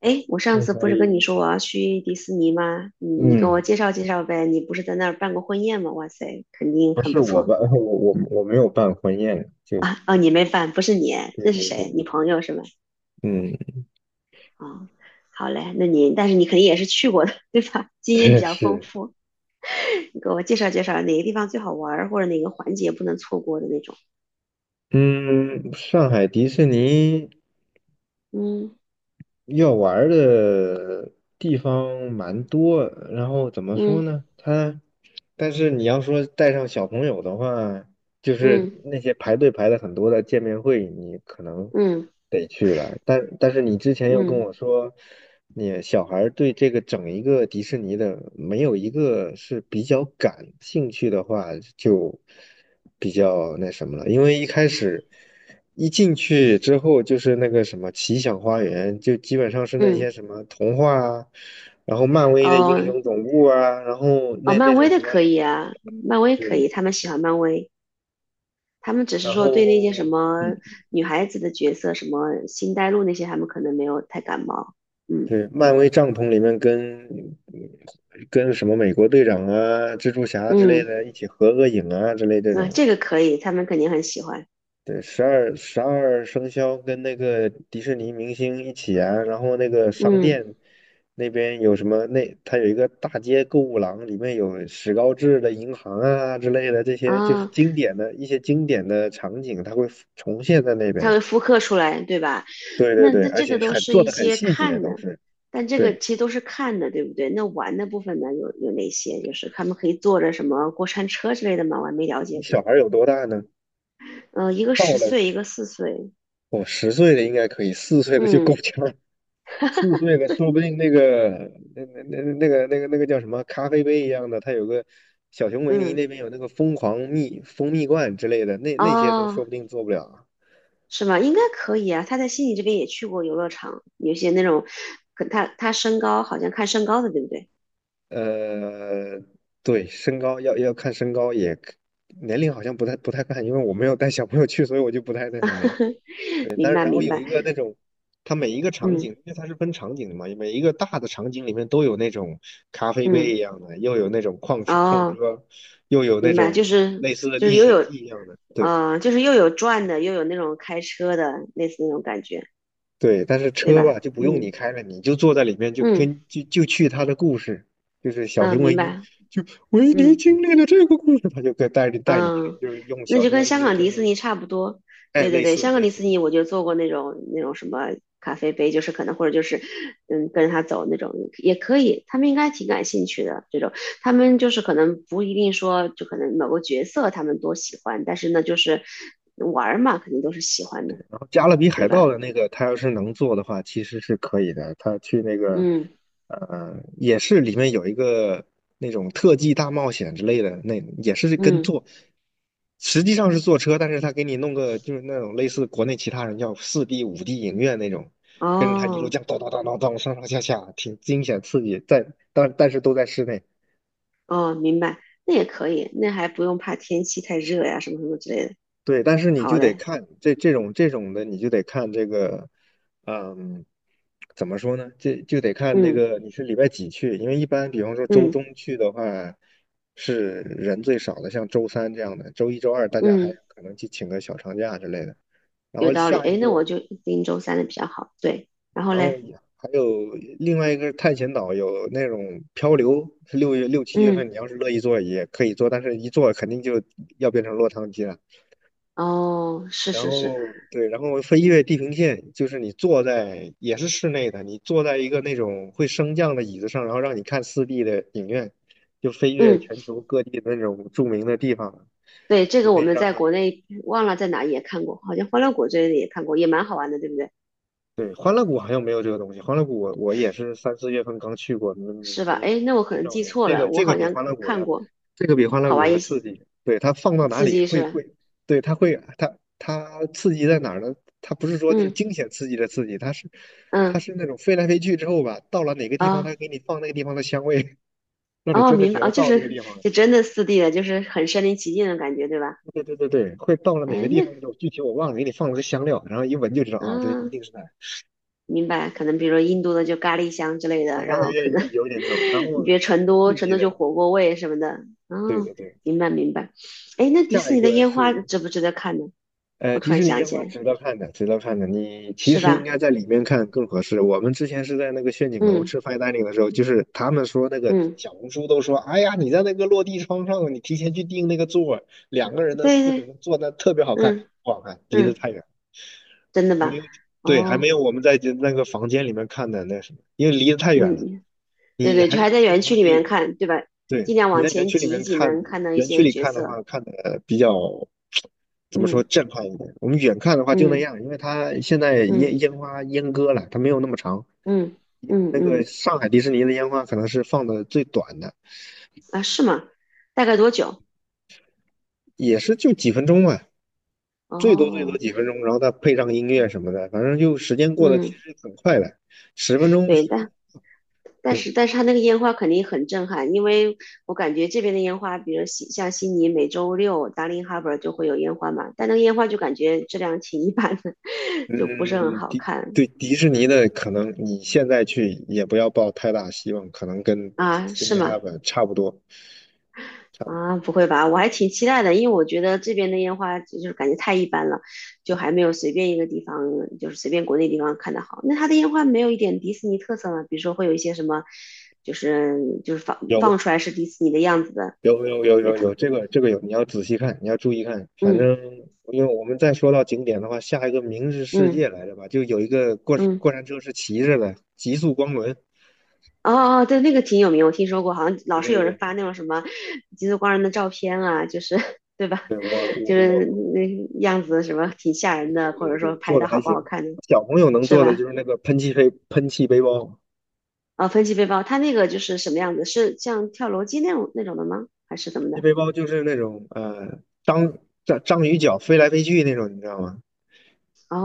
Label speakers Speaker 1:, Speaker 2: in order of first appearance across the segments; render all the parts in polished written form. Speaker 1: 哎，我上
Speaker 2: 那
Speaker 1: 次
Speaker 2: 所
Speaker 1: 不是跟你说我要去迪士尼吗？你给我
Speaker 2: 嗯，
Speaker 1: 介绍介绍呗。你不是在那儿办过婚宴吗？哇塞，肯定
Speaker 2: 不
Speaker 1: 很
Speaker 2: 是
Speaker 1: 不
Speaker 2: 我
Speaker 1: 错
Speaker 2: 办，我没有办婚宴，就
Speaker 1: 啊！哦，你没办，不是你，
Speaker 2: 对
Speaker 1: 这是
Speaker 2: 对
Speaker 1: 谁？
Speaker 2: 对。
Speaker 1: 你朋友是吗？
Speaker 2: 嗯，
Speaker 1: 哦，好嘞，那你但是你肯定也是去过的，对吧？经验比
Speaker 2: 确
Speaker 1: 较丰
Speaker 2: 实。
Speaker 1: 富，你给我介绍介绍哪个地方最好玩儿，或者哪个环节不能错过的那种。
Speaker 2: 嗯，上海迪士尼
Speaker 1: 嗯
Speaker 2: 要玩儿的地方蛮多，然后怎么说
Speaker 1: 嗯
Speaker 2: 呢？它，但是你要说带上小朋友的话，就是
Speaker 1: 嗯
Speaker 2: 那些排队排的很多的见面会，你可能
Speaker 1: 嗯
Speaker 2: 得去了，但是你之前又跟
Speaker 1: 嗯
Speaker 2: 我说。你小孩儿对这个整一个迪士尼的没有一个是比较感兴趣的话，就比较那什么了。因为一开始一进去之后，就是那个什么奇想花园，就基本上是那
Speaker 1: 嗯，
Speaker 2: 些
Speaker 1: 嗯
Speaker 2: 什么童话啊，然后漫威的英
Speaker 1: 哦
Speaker 2: 雄总部啊，然后
Speaker 1: 哦，
Speaker 2: 那那
Speaker 1: 漫威
Speaker 2: 种什
Speaker 1: 的
Speaker 2: 么。
Speaker 1: 可以啊，漫威可以，
Speaker 2: 对，
Speaker 1: 他们喜欢漫威。他们只是
Speaker 2: 然
Speaker 1: 说对那些什
Speaker 2: 后嗯，
Speaker 1: 么女孩子的角色，什么星黛露那些，他们可能没有太感冒。嗯
Speaker 2: 对，漫威帐篷里面跟什么美国队长啊、蜘蛛侠之类
Speaker 1: 嗯，
Speaker 2: 的一起合个影啊之类这
Speaker 1: 那
Speaker 2: 种。
Speaker 1: 这个可以，他们肯定很喜欢。
Speaker 2: 对，十二生肖跟那个迪士尼明星一起啊，然后那个商
Speaker 1: 嗯
Speaker 2: 店那边有什么？那它有一个大街购物廊，里面有史高治的银行啊之类的，这些就是
Speaker 1: 啊，
Speaker 2: 经典的，一些经典的场景，它会重现在那
Speaker 1: 他
Speaker 2: 边。
Speaker 1: 会复刻出来，对吧？
Speaker 2: 对对
Speaker 1: 那
Speaker 2: 对，
Speaker 1: 那
Speaker 2: 而
Speaker 1: 这
Speaker 2: 且
Speaker 1: 个都
Speaker 2: 很
Speaker 1: 是
Speaker 2: 做
Speaker 1: 一
Speaker 2: 的很
Speaker 1: 些
Speaker 2: 细节，
Speaker 1: 看
Speaker 2: 都
Speaker 1: 的，
Speaker 2: 是。
Speaker 1: 但这个
Speaker 2: 对，
Speaker 1: 其实都是看的，对不对？那玩的部分呢，有哪些？就是他们可以坐着什么过山车之类的吗？我还没了解
Speaker 2: 你小
Speaker 1: 过。
Speaker 2: 孩有多大呢？
Speaker 1: 嗯，一个
Speaker 2: 到
Speaker 1: 十
Speaker 2: 了，
Speaker 1: 岁，一个4岁。
Speaker 2: 我10岁的应该可以，四岁的就够
Speaker 1: 嗯
Speaker 2: 呛。四岁的，说不定那个那个叫什么咖啡杯一样的，它有个小熊维尼
Speaker 1: 嗯，
Speaker 2: 那边有那个疯狂蜜蜂蜜罐之类的，那些都
Speaker 1: 哦，
Speaker 2: 说不定做不了啊。
Speaker 1: 是吗？应该可以啊。他在悉尼这边也去过游乐场，有些那种，可他身高好像看身高的，对不对？
Speaker 2: 呃，对，身高要看身高也，年龄好像不太看，因为我没有带小朋友去，所以我就不太那什么了。
Speaker 1: 明
Speaker 2: 但是
Speaker 1: 白
Speaker 2: 然后
Speaker 1: 明
Speaker 2: 有
Speaker 1: 白，
Speaker 2: 一个那种，它每一个场
Speaker 1: 嗯
Speaker 2: 景，因为它是分场景的嘛，每一个大的场景里面都有那种咖啡
Speaker 1: 嗯，
Speaker 2: 杯一样的，又有那种矿车矿
Speaker 1: 哦，
Speaker 2: 车，又有那
Speaker 1: 明白，就
Speaker 2: 种
Speaker 1: 是
Speaker 2: 类似的历
Speaker 1: 又
Speaker 2: 险
Speaker 1: 有，
Speaker 2: 记一样的。对
Speaker 1: 嗯，就是又有转的，又有那种开车的，类似那种感觉，
Speaker 2: 对。但是
Speaker 1: 对
Speaker 2: 车
Speaker 1: 吧？
Speaker 2: 吧就不用你
Speaker 1: 嗯
Speaker 2: 开了，你就坐在里面就
Speaker 1: 嗯
Speaker 2: 跟就去它的故事，就是小
Speaker 1: 嗯，
Speaker 2: 熊维
Speaker 1: 明
Speaker 2: 尼，
Speaker 1: 白，
Speaker 2: 就维尼
Speaker 1: 嗯。
Speaker 2: 经历了这个故事，他就可以带着带你去，
Speaker 1: 嗯，
Speaker 2: 就是用
Speaker 1: 那
Speaker 2: 小
Speaker 1: 就
Speaker 2: 熊
Speaker 1: 跟
Speaker 2: 维
Speaker 1: 香
Speaker 2: 尼的
Speaker 1: 港
Speaker 2: 声
Speaker 1: 迪士
Speaker 2: 音。
Speaker 1: 尼差不多。
Speaker 2: 哎，
Speaker 1: 对对
Speaker 2: 类
Speaker 1: 对，
Speaker 2: 似
Speaker 1: 香港
Speaker 2: 类
Speaker 1: 迪士
Speaker 2: 似。
Speaker 1: 尼我就做过那种什么咖啡杯，就是可能或者就是嗯跟着他走那种也可以，他们应该挺感兴趣的这种。他们就是可能不一定说就可能某个角色他们多喜欢，但是呢就是玩儿嘛，肯定都是喜欢的，
Speaker 2: 然后加勒比
Speaker 1: 对
Speaker 2: 海盗
Speaker 1: 吧？
Speaker 2: 的那个，他要是能做的话，其实是可以的。他去那个，
Speaker 1: 嗯
Speaker 2: 也是里面有一个那种特技大冒险之类的，那也是跟
Speaker 1: 嗯，
Speaker 2: 坐，实际上是坐车，但是他给你弄个就是那种类似国内其他人叫四 D、5D 影院那种，跟着他一路
Speaker 1: 哦
Speaker 2: 这样咚咚咚咚咚上上下下，挺惊险刺激。但是都在室内。
Speaker 1: 哦，明白，那也可以，那还不用怕天气太热呀什么什么之类的。
Speaker 2: 对，但是你
Speaker 1: 好
Speaker 2: 就得
Speaker 1: 嘞，
Speaker 2: 看这种的，你就得看这个。嗯，怎么说呢？这就得看那
Speaker 1: 嗯
Speaker 2: 个你是礼拜几去，因为一般比方说周中
Speaker 1: 嗯
Speaker 2: 去的话是人最少的，像周三这样的，周一周二大家还
Speaker 1: 嗯。
Speaker 2: 可能去请个小长假之类的。然
Speaker 1: 有
Speaker 2: 后
Speaker 1: 道理。
Speaker 2: 下
Speaker 1: 哎，
Speaker 2: 一
Speaker 1: 那我
Speaker 2: 个，
Speaker 1: 就盯周三的比较好。对，然后
Speaker 2: 然后
Speaker 1: 嘞，
Speaker 2: 也还有另外一个是探险岛有那种漂流，是六七月份，你
Speaker 1: 嗯，
Speaker 2: 要是乐意做也可以做，但是一做肯定就要变成落汤鸡了。
Speaker 1: 哦，是
Speaker 2: 然
Speaker 1: 是是，
Speaker 2: 后对，然后飞越地平线，就是你坐在也是室内的，你坐在一个那种会升降的椅子上，然后让你看四 d 的影院，就飞越
Speaker 1: 嗯，
Speaker 2: 全球各地的那种著名的地方。
Speaker 1: 对，这
Speaker 2: 你
Speaker 1: 个
Speaker 2: 可
Speaker 1: 我
Speaker 2: 以
Speaker 1: 们
Speaker 2: 让
Speaker 1: 在
Speaker 2: 它
Speaker 1: 国内忘了在哪里也看过，好像欢乐谷这类的也看过，也蛮好玩的，对不对？
Speaker 2: 对，欢乐谷好像没有这个东西。欢乐谷我也是三四月份刚去过，
Speaker 1: 是吧？
Speaker 2: 没
Speaker 1: 哎，那我可
Speaker 2: 没
Speaker 1: 能
Speaker 2: 这
Speaker 1: 记
Speaker 2: 玩意儿。
Speaker 1: 错
Speaker 2: 这
Speaker 1: 了，
Speaker 2: 个
Speaker 1: 我
Speaker 2: 这个
Speaker 1: 好
Speaker 2: 比
Speaker 1: 像
Speaker 2: 欢乐
Speaker 1: 看
Speaker 2: 谷
Speaker 1: 看
Speaker 2: 的，
Speaker 1: 过，
Speaker 2: 这个比欢乐
Speaker 1: 好
Speaker 2: 谷
Speaker 1: 玩
Speaker 2: 的
Speaker 1: 一些，
Speaker 2: 刺激。对，它放到哪
Speaker 1: 刺
Speaker 2: 里
Speaker 1: 激是
Speaker 2: 会
Speaker 1: 吧？
Speaker 2: 会，对，它会它刺激在哪儿呢？它不是说就是
Speaker 1: 嗯
Speaker 2: 惊险刺激的刺激，它是
Speaker 1: 嗯，
Speaker 2: 那种飞来飞去之后吧，到了哪个地方，它
Speaker 1: 哦
Speaker 2: 给你放那个地方的香味，让你
Speaker 1: 哦，
Speaker 2: 真的
Speaker 1: 明白
Speaker 2: 觉得
Speaker 1: 哦，就
Speaker 2: 到这个
Speaker 1: 是
Speaker 2: 地方了。
Speaker 1: 真的4D 的，就是很身临其境的感觉，对吧？
Speaker 2: 对对对对，会到了哪个
Speaker 1: 哎，
Speaker 2: 地
Speaker 1: 那
Speaker 2: 方那种，具体我忘了，给你放了个香料，然后一闻就知道啊，这一
Speaker 1: 嗯。
Speaker 2: 定
Speaker 1: 啊
Speaker 2: 是那儿。
Speaker 1: 明白，可能比如说印度的就咖喱香之类
Speaker 2: 哎，
Speaker 1: 的，然后
Speaker 2: 也
Speaker 1: 可
Speaker 2: 有
Speaker 1: 能
Speaker 2: 有点 那种，然
Speaker 1: 你
Speaker 2: 后
Speaker 1: 比如成都，
Speaker 2: 刺
Speaker 1: 成
Speaker 2: 激
Speaker 1: 都就
Speaker 2: 的。
Speaker 1: 火锅味什么的。
Speaker 2: 对
Speaker 1: 嗯，
Speaker 2: 对对，
Speaker 1: 明白明白。哎，那迪
Speaker 2: 下
Speaker 1: 士
Speaker 2: 一
Speaker 1: 尼的
Speaker 2: 个
Speaker 1: 烟花
Speaker 2: 是
Speaker 1: 值不值得看呢？我突
Speaker 2: 迪士
Speaker 1: 然
Speaker 2: 尼
Speaker 1: 想
Speaker 2: 烟
Speaker 1: 起
Speaker 2: 花
Speaker 1: 来，
Speaker 2: 值得看的，值得看的。你其
Speaker 1: 是
Speaker 2: 实应
Speaker 1: 吧？
Speaker 2: 该在里面看更合适。我们之前是在那个炫景楼
Speaker 1: 嗯
Speaker 2: 吃 fine dining 的时候，就是他们说那个
Speaker 1: 嗯，
Speaker 2: 小红书都说，哎呀，你在那个落地窗上，你提前去订那个座儿，两个人的、
Speaker 1: 对
Speaker 2: 四个
Speaker 1: 对，
Speaker 2: 人的坐那特别好看，
Speaker 1: 嗯
Speaker 2: 不好看，离得
Speaker 1: 嗯，
Speaker 2: 太远，
Speaker 1: 真的
Speaker 2: 还没
Speaker 1: 吧？
Speaker 2: 有。对，还没
Speaker 1: 哦，
Speaker 2: 有我们在那个房间里面看的那什么，因为离得太远了。
Speaker 1: 嗯，对
Speaker 2: 你
Speaker 1: 对，
Speaker 2: 还
Speaker 1: 就
Speaker 2: 是
Speaker 1: 还在
Speaker 2: 这种
Speaker 1: 园区
Speaker 2: 东
Speaker 1: 里面
Speaker 2: 西，
Speaker 1: 看，对吧？尽
Speaker 2: 对，
Speaker 1: 量
Speaker 2: 你
Speaker 1: 往
Speaker 2: 在园
Speaker 1: 前
Speaker 2: 区里
Speaker 1: 挤一
Speaker 2: 面
Speaker 1: 挤，
Speaker 2: 看，
Speaker 1: 能看到一
Speaker 2: 园区
Speaker 1: 些
Speaker 2: 里
Speaker 1: 角
Speaker 2: 看的
Speaker 1: 色。
Speaker 2: 话，看的比较怎么说
Speaker 1: 嗯
Speaker 2: 震撼一点。我们远看的话就那
Speaker 1: 嗯
Speaker 2: 样，因为它现在烟
Speaker 1: 嗯
Speaker 2: 烟花阉割了，它没有那么长。
Speaker 1: 嗯嗯
Speaker 2: 那个
Speaker 1: 嗯，
Speaker 2: 上海迪士尼的烟花可能是放的最短的，
Speaker 1: 啊，是吗？大概多久？
Speaker 2: 也是就几分钟嘛，最多最多
Speaker 1: 哦，
Speaker 2: 几分钟，然后再配上音乐什么的，反正就时间过得其
Speaker 1: 嗯。
Speaker 2: 实很快的，10分钟。
Speaker 1: 对，
Speaker 2: 十。
Speaker 1: 但但
Speaker 2: 对，
Speaker 1: 是但是它那个烟花肯定很震撼，因为我感觉这边的烟花，比如悉尼每周六 Darling Harbour 就会有烟花嘛，但那个烟花就感觉质量挺一般的，就不是很
Speaker 2: 嗯，
Speaker 1: 好看
Speaker 2: 对迪士尼的可能你现在去也不要抱太大希望，可能跟
Speaker 1: 啊，
Speaker 2: s y
Speaker 1: 是
Speaker 2: d
Speaker 1: 吗？
Speaker 2: n 差不多。差不多
Speaker 1: 啊，不会吧？我还挺期待的，因为我觉得这边的烟花就是感觉太一般了，就还没有随便一个地方，就是随便国内地方看的好。那它的烟花没有一点迪士尼特色吗？比如说会有一些什么，就是放
Speaker 2: 有
Speaker 1: 出来是迪士尼的样子的，
Speaker 2: 有有有
Speaker 1: 比如
Speaker 2: 有
Speaker 1: 它
Speaker 2: 有这个有，你要仔细看，你要注意看。反正
Speaker 1: 嗯
Speaker 2: 因为我们再说到景点的话，下一个明日世
Speaker 1: 嗯。
Speaker 2: 界来着吧，就有一个过过
Speaker 1: 嗯，
Speaker 2: 山车是骑着的，极速光轮。
Speaker 1: 哦哦，对，那个挺有名，我听说过，好像老
Speaker 2: 对
Speaker 1: 是
Speaker 2: 对
Speaker 1: 有人
Speaker 2: 对
Speaker 1: 发那种什么极速光人的照片啊，就是 对吧？
Speaker 2: 对，我 我
Speaker 1: 就是
Speaker 2: 我
Speaker 1: 那样子什么挺吓人的，或
Speaker 2: 对
Speaker 1: 者说
Speaker 2: 对
Speaker 1: 拍
Speaker 2: 做
Speaker 1: 的
Speaker 2: 的还
Speaker 1: 好不
Speaker 2: 行。
Speaker 1: 好看的，
Speaker 2: 小朋友能
Speaker 1: 是
Speaker 2: 做的
Speaker 1: 吧？
Speaker 2: 就是那个喷气背包。
Speaker 1: 啊、分级背包，它那个就是什么样子？是像跳楼机那种的吗？还是怎
Speaker 2: 喷
Speaker 1: 么
Speaker 2: 气
Speaker 1: 的？
Speaker 2: 背包就是那种章鱼脚飞来飞去那种，你知道吗？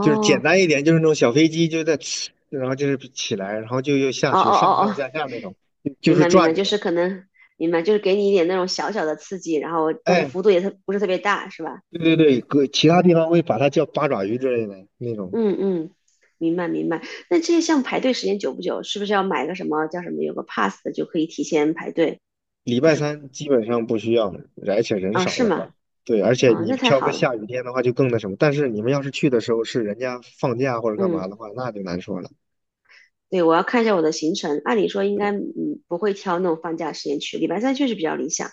Speaker 2: 就是简单一点，就是那种小飞机，就在，然后就是起来，然后就又下
Speaker 1: 哦哦
Speaker 2: 去，上
Speaker 1: 哦
Speaker 2: 上
Speaker 1: 哦，
Speaker 2: 下下那种，就就
Speaker 1: 明
Speaker 2: 是
Speaker 1: 白明
Speaker 2: 转
Speaker 1: 白，
Speaker 2: 着
Speaker 1: 就
Speaker 2: 的。
Speaker 1: 是可能明白，就是给你一点那种小小的刺激，然后但是
Speaker 2: 哎，
Speaker 1: 幅度也特不是特别大，是吧？
Speaker 2: 对对对，搁其他地方会把它叫八爪鱼之类的那种。
Speaker 1: 嗯嗯，明白明白。那这些项目排队时间久不久，是不是要买个什么叫什么有个 pass 的就可以提前排队？
Speaker 2: 礼
Speaker 1: 就
Speaker 2: 拜
Speaker 1: 是
Speaker 2: 三基本上不需要，而且人
Speaker 1: 啊，
Speaker 2: 少
Speaker 1: 是
Speaker 2: 的话，
Speaker 1: 吗？
Speaker 2: 对，而且
Speaker 1: 啊，
Speaker 2: 你
Speaker 1: 那太
Speaker 2: 挑个
Speaker 1: 好了。
Speaker 2: 下雨天的话就更那什么。但是你们要是去的时候是人家放假或者干嘛
Speaker 1: 嗯，
Speaker 2: 的话，那就难说了。
Speaker 1: 对，我要看一下我的行程。按理说应该嗯不会挑那种放假时间去，礼拜三确实比较理想，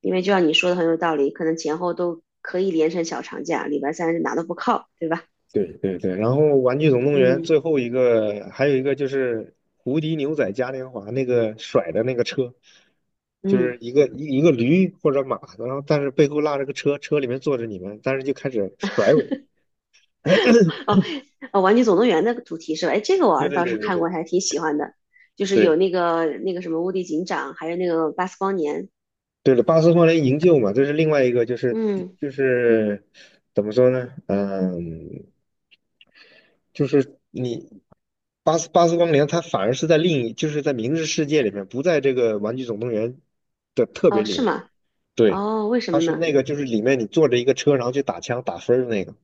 Speaker 1: 因为就像你说的很有道理，可能前后都可以连成小长假，礼拜三是哪都不靠，对吧？
Speaker 2: 对对对，然后《玩具总动员》
Speaker 1: 嗯
Speaker 2: 最后一个还有一个就是无敌牛仔嘉年华那个甩的那个车，就是
Speaker 1: 嗯。
Speaker 2: 一个一个驴或者马，然后但是背后拉着个车，车里面坐着你们，但是就开始甩尾。
Speaker 1: 哦，呃，《玩具总动员》的主题是吧？哎，这个我
Speaker 2: 对
Speaker 1: 儿子
Speaker 2: 对
Speaker 1: 倒
Speaker 2: 对
Speaker 1: 是
Speaker 2: 对
Speaker 1: 看过，
Speaker 2: 对
Speaker 1: 还挺喜欢的，就是有
Speaker 2: 对，
Speaker 1: 那个什么无敌警长，还有那个巴斯光年。
Speaker 2: 对了，巴斯光年营救嘛，这是另外一个，就是
Speaker 1: 嗯，
Speaker 2: 就是怎么说呢？嗯，就是你巴斯光年，它反而是在另一，就是在明日世界里面，不在这个《玩具总动员》的特别
Speaker 1: 哦，
Speaker 2: 里
Speaker 1: 是
Speaker 2: 面。
Speaker 1: 吗？
Speaker 2: 对，
Speaker 1: 哦，为什
Speaker 2: 它
Speaker 1: 么
Speaker 2: 是
Speaker 1: 呢？
Speaker 2: 那个，就是里面你坐着一个车，然后去打枪打分儿的那个，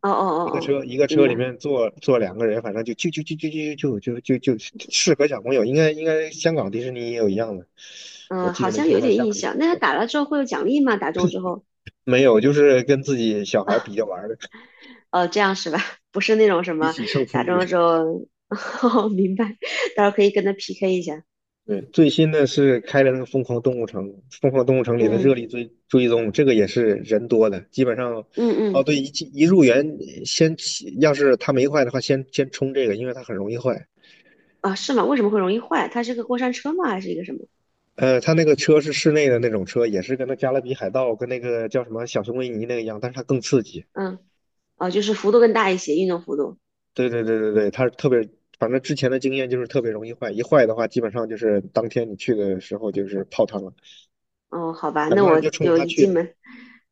Speaker 1: 哦哦哦
Speaker 2: 一个
Speaker 1: 哦，
Speaker 2: 车一个
Speaker 1: 明
Speaker 2: 车里
Speaker 1: 白。
Speaker 2: 面坐两个人，反正就适合小朋友。应该香港迪士尼也有一样的，我
Speaker 1: 嗯，
Speaker 2: 记得
Speaker 1: 好
Speaker 2: 没
Speaker 1: 像
Speaker 2: 错，
Speaker 1: 有
Speaker 2: 和
Speaker 1: 点
Speaker 2: 香
Speaker 1: 印
Speaker 2: 港迪士
Speaker 1: 象。那他
Speaker 2: 尼
Speaker 1: 打了之后会有奖励吗？打中之后？
Speaker 2: 没有，就是跟自己小孩儿比着玩儿的，
Speaker 1: 哦，这样是吧？不是那种什
Speaker 2: 一
Speaker 1: 么
Speaker 2: 起胜负
Speaker 1: 打
Speaker 2: 欲。
Speaker 1: 中了之后，哦，明白。到时候可以跟他 PK 一下。
Speaker 2: 对，最新的是开了那个《疯狂动物城》，《里的热
Speaker 1: 嗯
Speaker 2: 力追追踪》，这个也是人多的，基本上。
Speaker 1: 嗯
Speaker 2: 哦，
Speaker 1: 嗯，
Speaker 2: 对，一入园要是它没坏的话，先冲这个，因为它很容易坏。
Speaker 1: 啊，是吗？为什么会容易坏？它是个过山车吗？还是一个什么？
Speaker 2: 它那个车是室内的那种车，也是跟那《加勒比海盗》跟那个叫什么《小熊维尼》那个一样，但是它更刺激。
Speaker 1: 嗯，哦，就是幅度更大一些，运动幅度。
Speaker 2: 对对对对对，它特别，反正之前的经验就是特别容易坏，一坏的话，基本上就是当天你去的时候就是泡汤了。
Speaker 1: 哦，好吧，
Speaker 2: 很
Speaker 1: 那
Speaker 2: 多人
Speaker 1: 我
Speaker 2: 就冲着
Speaker 1: 就
Speaker 2: 它
Speaker 1: 一
Speaker 2: 去
Speaker 1: 进
Speaker 2: 的，
Speaker 1: 门，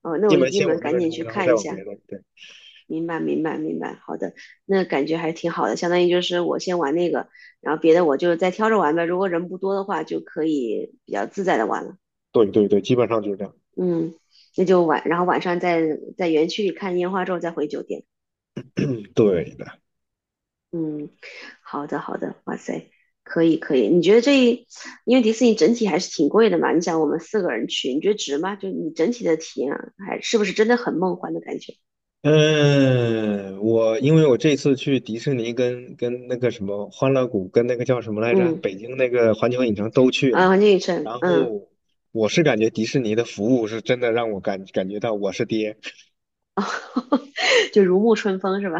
Speaker 1: 哦，那
Speaker 2: 进
Speaker 1: 我一
Speaker 2: 门
Speaker 1: 进
Speaker 2: 先
Speaker 1: 门
Speaker 2: 往那
Speaker 1: 赶
Speaker 2: 边
Speaker 1: 紧
Speaker 2: 冲，
Speaker 1: 去
Speaker 2: 然后
Speaker 1: 看
Speaker 2: 再
Speaker 1: 一
Speaker 2: 往别
Speaker 1: 下。
Speaker 2: 的。对。
Speaker 1: 明白，明白，明白。好的，那感觉还挺好的，相当于就是我先玩那个，然后别的我就再挑着玩呗。如果人不多的话，就可以比较自在的玩了。
Speaker 2: 对对对，基本上就是这样。
Speaker 1: 嗯，那就晚，然后晚上在园区里看烟花之后再回酒店。
Speaker 2: 对的。
Speaker 1: 嗯，好的，好的。哇塞，可以，可以。你觉得这一，因为迪士尼整体还是挺贵的嘛？你想我们四个人去，你觉得值吗？就你整体的体验啊还是不是真的很梦幻的感觉？
Speaker 2: 嗯，我因为我这次去迪士尼跟那个什么欢乐谷跟那个叫什么来着，
Speaker 1: 嗯。
Speaker 2: 北京那个环球影城都去
Speaker 1: 啊，
Speaker 2: 了，
Speaker 1: 环境与尘，
Speaker 2: 然
Speaker 1: 嗯，
Speaker 2: 后我是感觉迪士尼的服务是真的让我感觉到我是爹。
Speaker 1: 哦，就如沐春风是吧？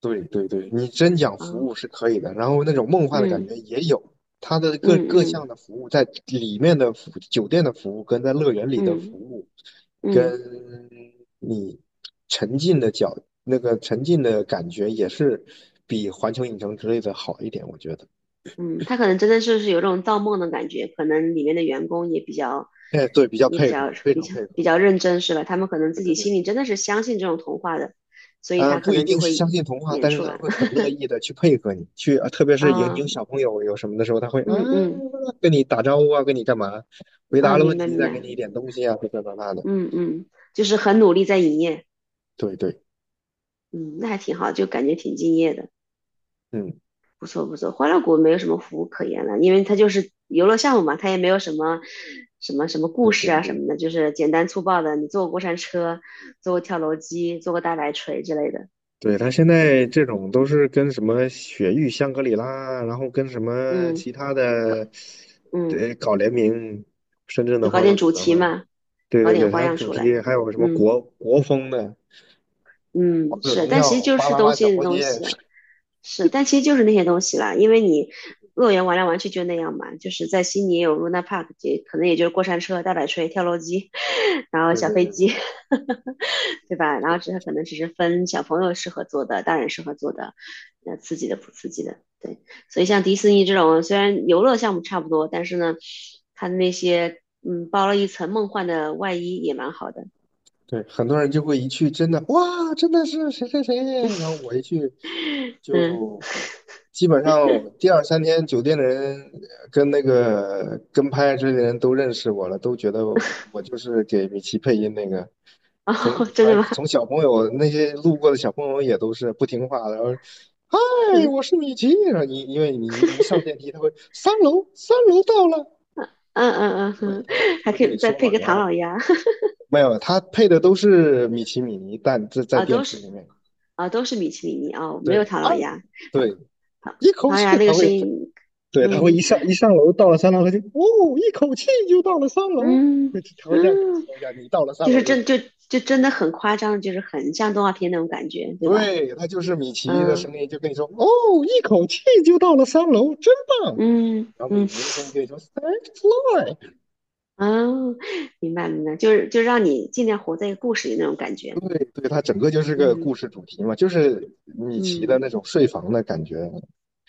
Speaker 2: 对对对，你真讲服
Speaker 1: 啊，
Speaker 2: 务是可以的，然后那种梦幻的感
Speaker 1: 嗯
Speaker 2: 觉也有。它的
Speaker 1: 嗯
Speaker 2: 各项
Speaker 1: 嗯
Speaker 2: 的服务，在里面的服酒店的服务，跟在乐园里的服
Speaker 1: 嗯
Speaker 2: 务，
Speaker 1: 嗯
Speaker 2: 跟你沉浸的角那个沉浸的感觉，也是比环球影城之类的好一点，我觉得。
Speaker 1: 嗯，他可能真的就是有种造梦的感觉，可能里面的员工也比较
Speaker 2: 哎，对，比较配合，非常配
Speaker 1: 比
Speaker 2: 合。
Speaker 1: 较认真是吧？他们可能
Speaker 2: 对
Speaker 1: 自
Speaker 2: 对
Speaker 1: 己
Speaker 2: 对。
Speaker 1: 心里真的是相信这种童话的，所以他
Speaker 2: 不
Speaker 1: 可
Speaker 2: 一
Speaker 1: 能就
Speaker 2: 定是相
Speaker 1: 会
Speaker 2: 信童话，
Speaker 1: 演
Speaker 2: 但是
Speaker 1: 出
Speaker 2: 他
Speaker 1: 来。
Speaker 2: 会很 乐意的去配合你，去，特别是有你有
Speaker 1: 啊，
Speaker 2: 小朋友有什么的时候，他会啊
Speaker 1: 嗯嗯
Speaker 2: 跟你打招呼啊，跟你干嘛，回答
Speaker 1: 啊，
Speaker 2: 了
Speaker 1: 明
Speaker 2: 问
Speaker 1: 白
Speaker 2: 题
Speaker 1: 明
Speaker 2: 再给
Speaker 1: 白，
Speaker 2: 你一点东西啊，这这那那的。
Speaker 1: 嗯嗯，就是很努力在营业，
Speaker 2: 对对。
Speaker 1: 嗯，那还挺好，就感觉挺敬业的。
Speaker 2: 嗯，
Speaker 1: 不错不错，欢乐谷没有什么服务可言了，因为它就是游乐项目嘛，它也没有什么什么故
Speaker 2: 对
Speaker 1: 事
Speaker 2: 对
Speaker 1: 啊什
Speaker 2: 对
Speaker 1: 么的，就是简单粗暴的，你坐过过山车，坐过跳楼机，坐过大摆锤之类的。
Speaker 2: 对，他现
Speaker 1: 对，
Speaker 2: 在这种都是跟什么雪域香格里拉，然后跟什么
Speaker 1: 嗯，
Speaker 2: 其他
Speaker 1: 搞
Speaker 2: 的，
Speaker 1: 嗯，
Speaker 2: 对，搞联名。深圳
Speaker 1: 就
Speaker 2: 的
Speaker 1: 搞
Speaker 2: 欢乐
Speaker 1: 点
Speaker 2: 谷
Speaker 1: 主
Speaker 2: 的
Speaker 1: 题
Speaker 2: 话，
Speaker 1: 嘛，
Speaker 2: 对
Speaker 1: 搞
Speaker 2: 对
Speaker 1: 点
Speaker 2: 对，
Speaker 1: 花
Speaker 2: 它
Speaker 1: 样
Speaker 2: 主
Speaker 1: 出来。
Speaker 2: 题还有什么
Speaker 1: 嗯
Speaker 2: 国风的。王
Speaker 1: 嗯，
Speaker 2: 者
Speaker 1: 是，
Speaker 2: 荣
Speaker 1: 但其实
Speaker 2: 耀、
Speaker 1: 就
Speaker 2: 巴
Speaker 1: 是
Speaker 2: 啦
Speaker 1: 东
Speaker 2: 啦小
Speaker 1: 西的
Speaker 2: 魔
Speaker 1: 东
Speaker 2: 仙，
Speaker 1: 西，是，但其实就是那些东西啦，因为你乐园玩来玩去就那样嘛，就是在悉尼也有 Luna Park，也可能也就是过山车、大摆锤、跳楼机，然后
Speaker 2: 对
Speaker 1: 小
Speaker 2: 对
Speaker 1: 飞
Speaker 2: 对
Speaker 1: 机，
Speaker 2: 对，
Speaker 1: 对吧？然后只是可能只是分小朋友适合做的，大人适合做的，那刺激的不刺激的，对。所以像迪士尼这种，虽然游乐项目差不多，但是呢，它的那些嗯包了一层梦幻的外衣也蛮好的，
Speaker 2: 对，很多人就会一去真的哇，真的是谁谁谁，然后我一去
Speaker 1: 嗯，
Speaker 2: 就基本上第二三天酒店的人跟那个跟拍之类的人都认识我了，都觉得我就是给米奇配音那个。从
Speaker 1: 哦，真
Speaker 2: 反
Speaker 1: 的
Speaker 2: 正
Speaker 1: 吗？
Speaker 2: 从小朋友那些路过的小朋友也都是不听话的，然后嗨，
Speaker 1: 嗯
Speaker 2: 我是米奇。然后你因为你一上电梯，他会三楼到了。
Speaker 1: 嗯嗯嗯，
Speaker 2: 对，
Speaker 1: 嗯
Speaker 2: 他会他
Speaker 1: 还
Speaker 2: 会
Speaker 1: 可
Speaker 2: 跟
Speaker 1: 以
Speaker 2: 你
Speaker 1: 再
Speaker 2: 说
Speaker 1: 配
Speaker 2: 嘛。
Speaker 1: 个
Speaker 2: 然
Speaker 1: 唐
Speaker 2: 后
Speaker 1: 老鸭。
Speaker 2: 没有，它配的都是米奇米妮但这在
Speaker 1: 啊，
Speaker 2: 电
Speaker 1: 都
Speaker 2: 梯
Speaker 1: 是
Speaker 2: 里面。
Speaker 1: 啊，都是米奇米妮啊，没
Speaker 2: 对，
Speaker 1: 有唐
Speaker 2: 二，
Speaker 1: 老鸭，唐
Speaker 2: 对，
Speaker 1: 唐
Speaker 2: 一口
Speaker 1: 唐老
Speaker 2: 气
Speaker 1: 鸭那个
Speaker 2: 它会，
Speaker 1: 声音，
Speaker 2: 对，它会
Speaker 1: 嗯
Speaker 2: 一上楼，到了三楼，它就哦，一口气就到了三楼，
Speaker 1: 嗯
Speaker 2: 它会这样跟你
Speaker 1: 嗯，
Speaker 2: 说一下，你到了三
Speaker 1: 就是
Speaker 2: 楼的时候。
Speaker 1: 就真的很夸张，就是很像动画片那种感觉，对吧？
Speaker 2: 对，它就是米奇的声
Speaker 1: 嗯
Speaker 2: 音，就跟你说哦，一口气就到了三楼，真棒。
Speaker 1: 嗯
Speaker 2: 然后米
Speaker 1: 嗯，
Speaker 2: 妮的声音跟你说 Thanks, Floyd。
Speaker 1: 哦，明白明白，就是让你尽量活在一个故事里那种感觉，
Speaker 2: 对，对，它整个就是个
Speaker 1: 嗯
Speaker 2: 故事主题嘛，就是米奇的
Speaker 1: 嗯，
Speaker 2: 那种睡房的感觉。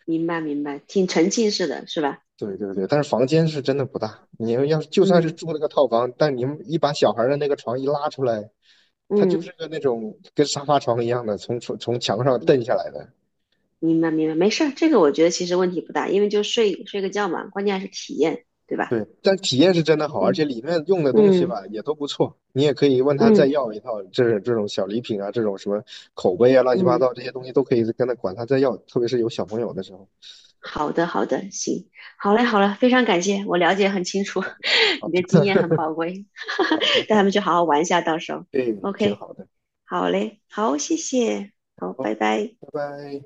Speaker 1: 明白明白，挺沉浸式的是吧？
Speaker 2: 对对对，但是房间是真的不大。你们要是就算是
Speaker 1: 嗯
Speaker 2: 住那个套房，但你们一把小孩儿的那个床一拉出来，它就是
Speaker 1: 嗯。
Speaker 2: 个那种跟沙发床一样的，从墙上蹬下来的。
Speaker 1: 明白明白，没事儿，这个我觉得其实问题不大，因为就睡睡个觉嘛，关键还是体验，对吧？
Speaker 2: 对，但体验是真的好，而且
Speaker 1: 嗯
Speaker 2: 里面用的东西
Speaker 1: 嗯
Speaker 2: 吧也都不错。你也可以问他再
Speaker 1: 嗯
Speaker 2: 要一套，这这种小礼品啊，这种什么口碑啊，乱七八
Speaker 1: 嗯，
Speaker 2: 糟这些东西都可以跟他管他再要，特别是有小朋友的时候。
Speaker 1: 好的好的，行，好嘞好嘞，非常感谢，我了解很清楚，
Speaker 2: 好
Speaker 1: 你
Speaker 2: 的，
Speaker 1: 的经验很 宝贵，
Speaker 2: 好的，
Speaker 1: 带
Speaker 2: 好
Speaker 1: 他们去
Speaker 2: 的，
Speaker 1: 好好玩一下，到时候
Speaker 2: 对，挺
Speaker 1: ，OK，
Speaker 2: 好的。
Speaker 1: 好嘞，好，谢谢，好，
Speaker 2: 好，
Speaker 1: 拜拜。
Speaker 2: 拜拜。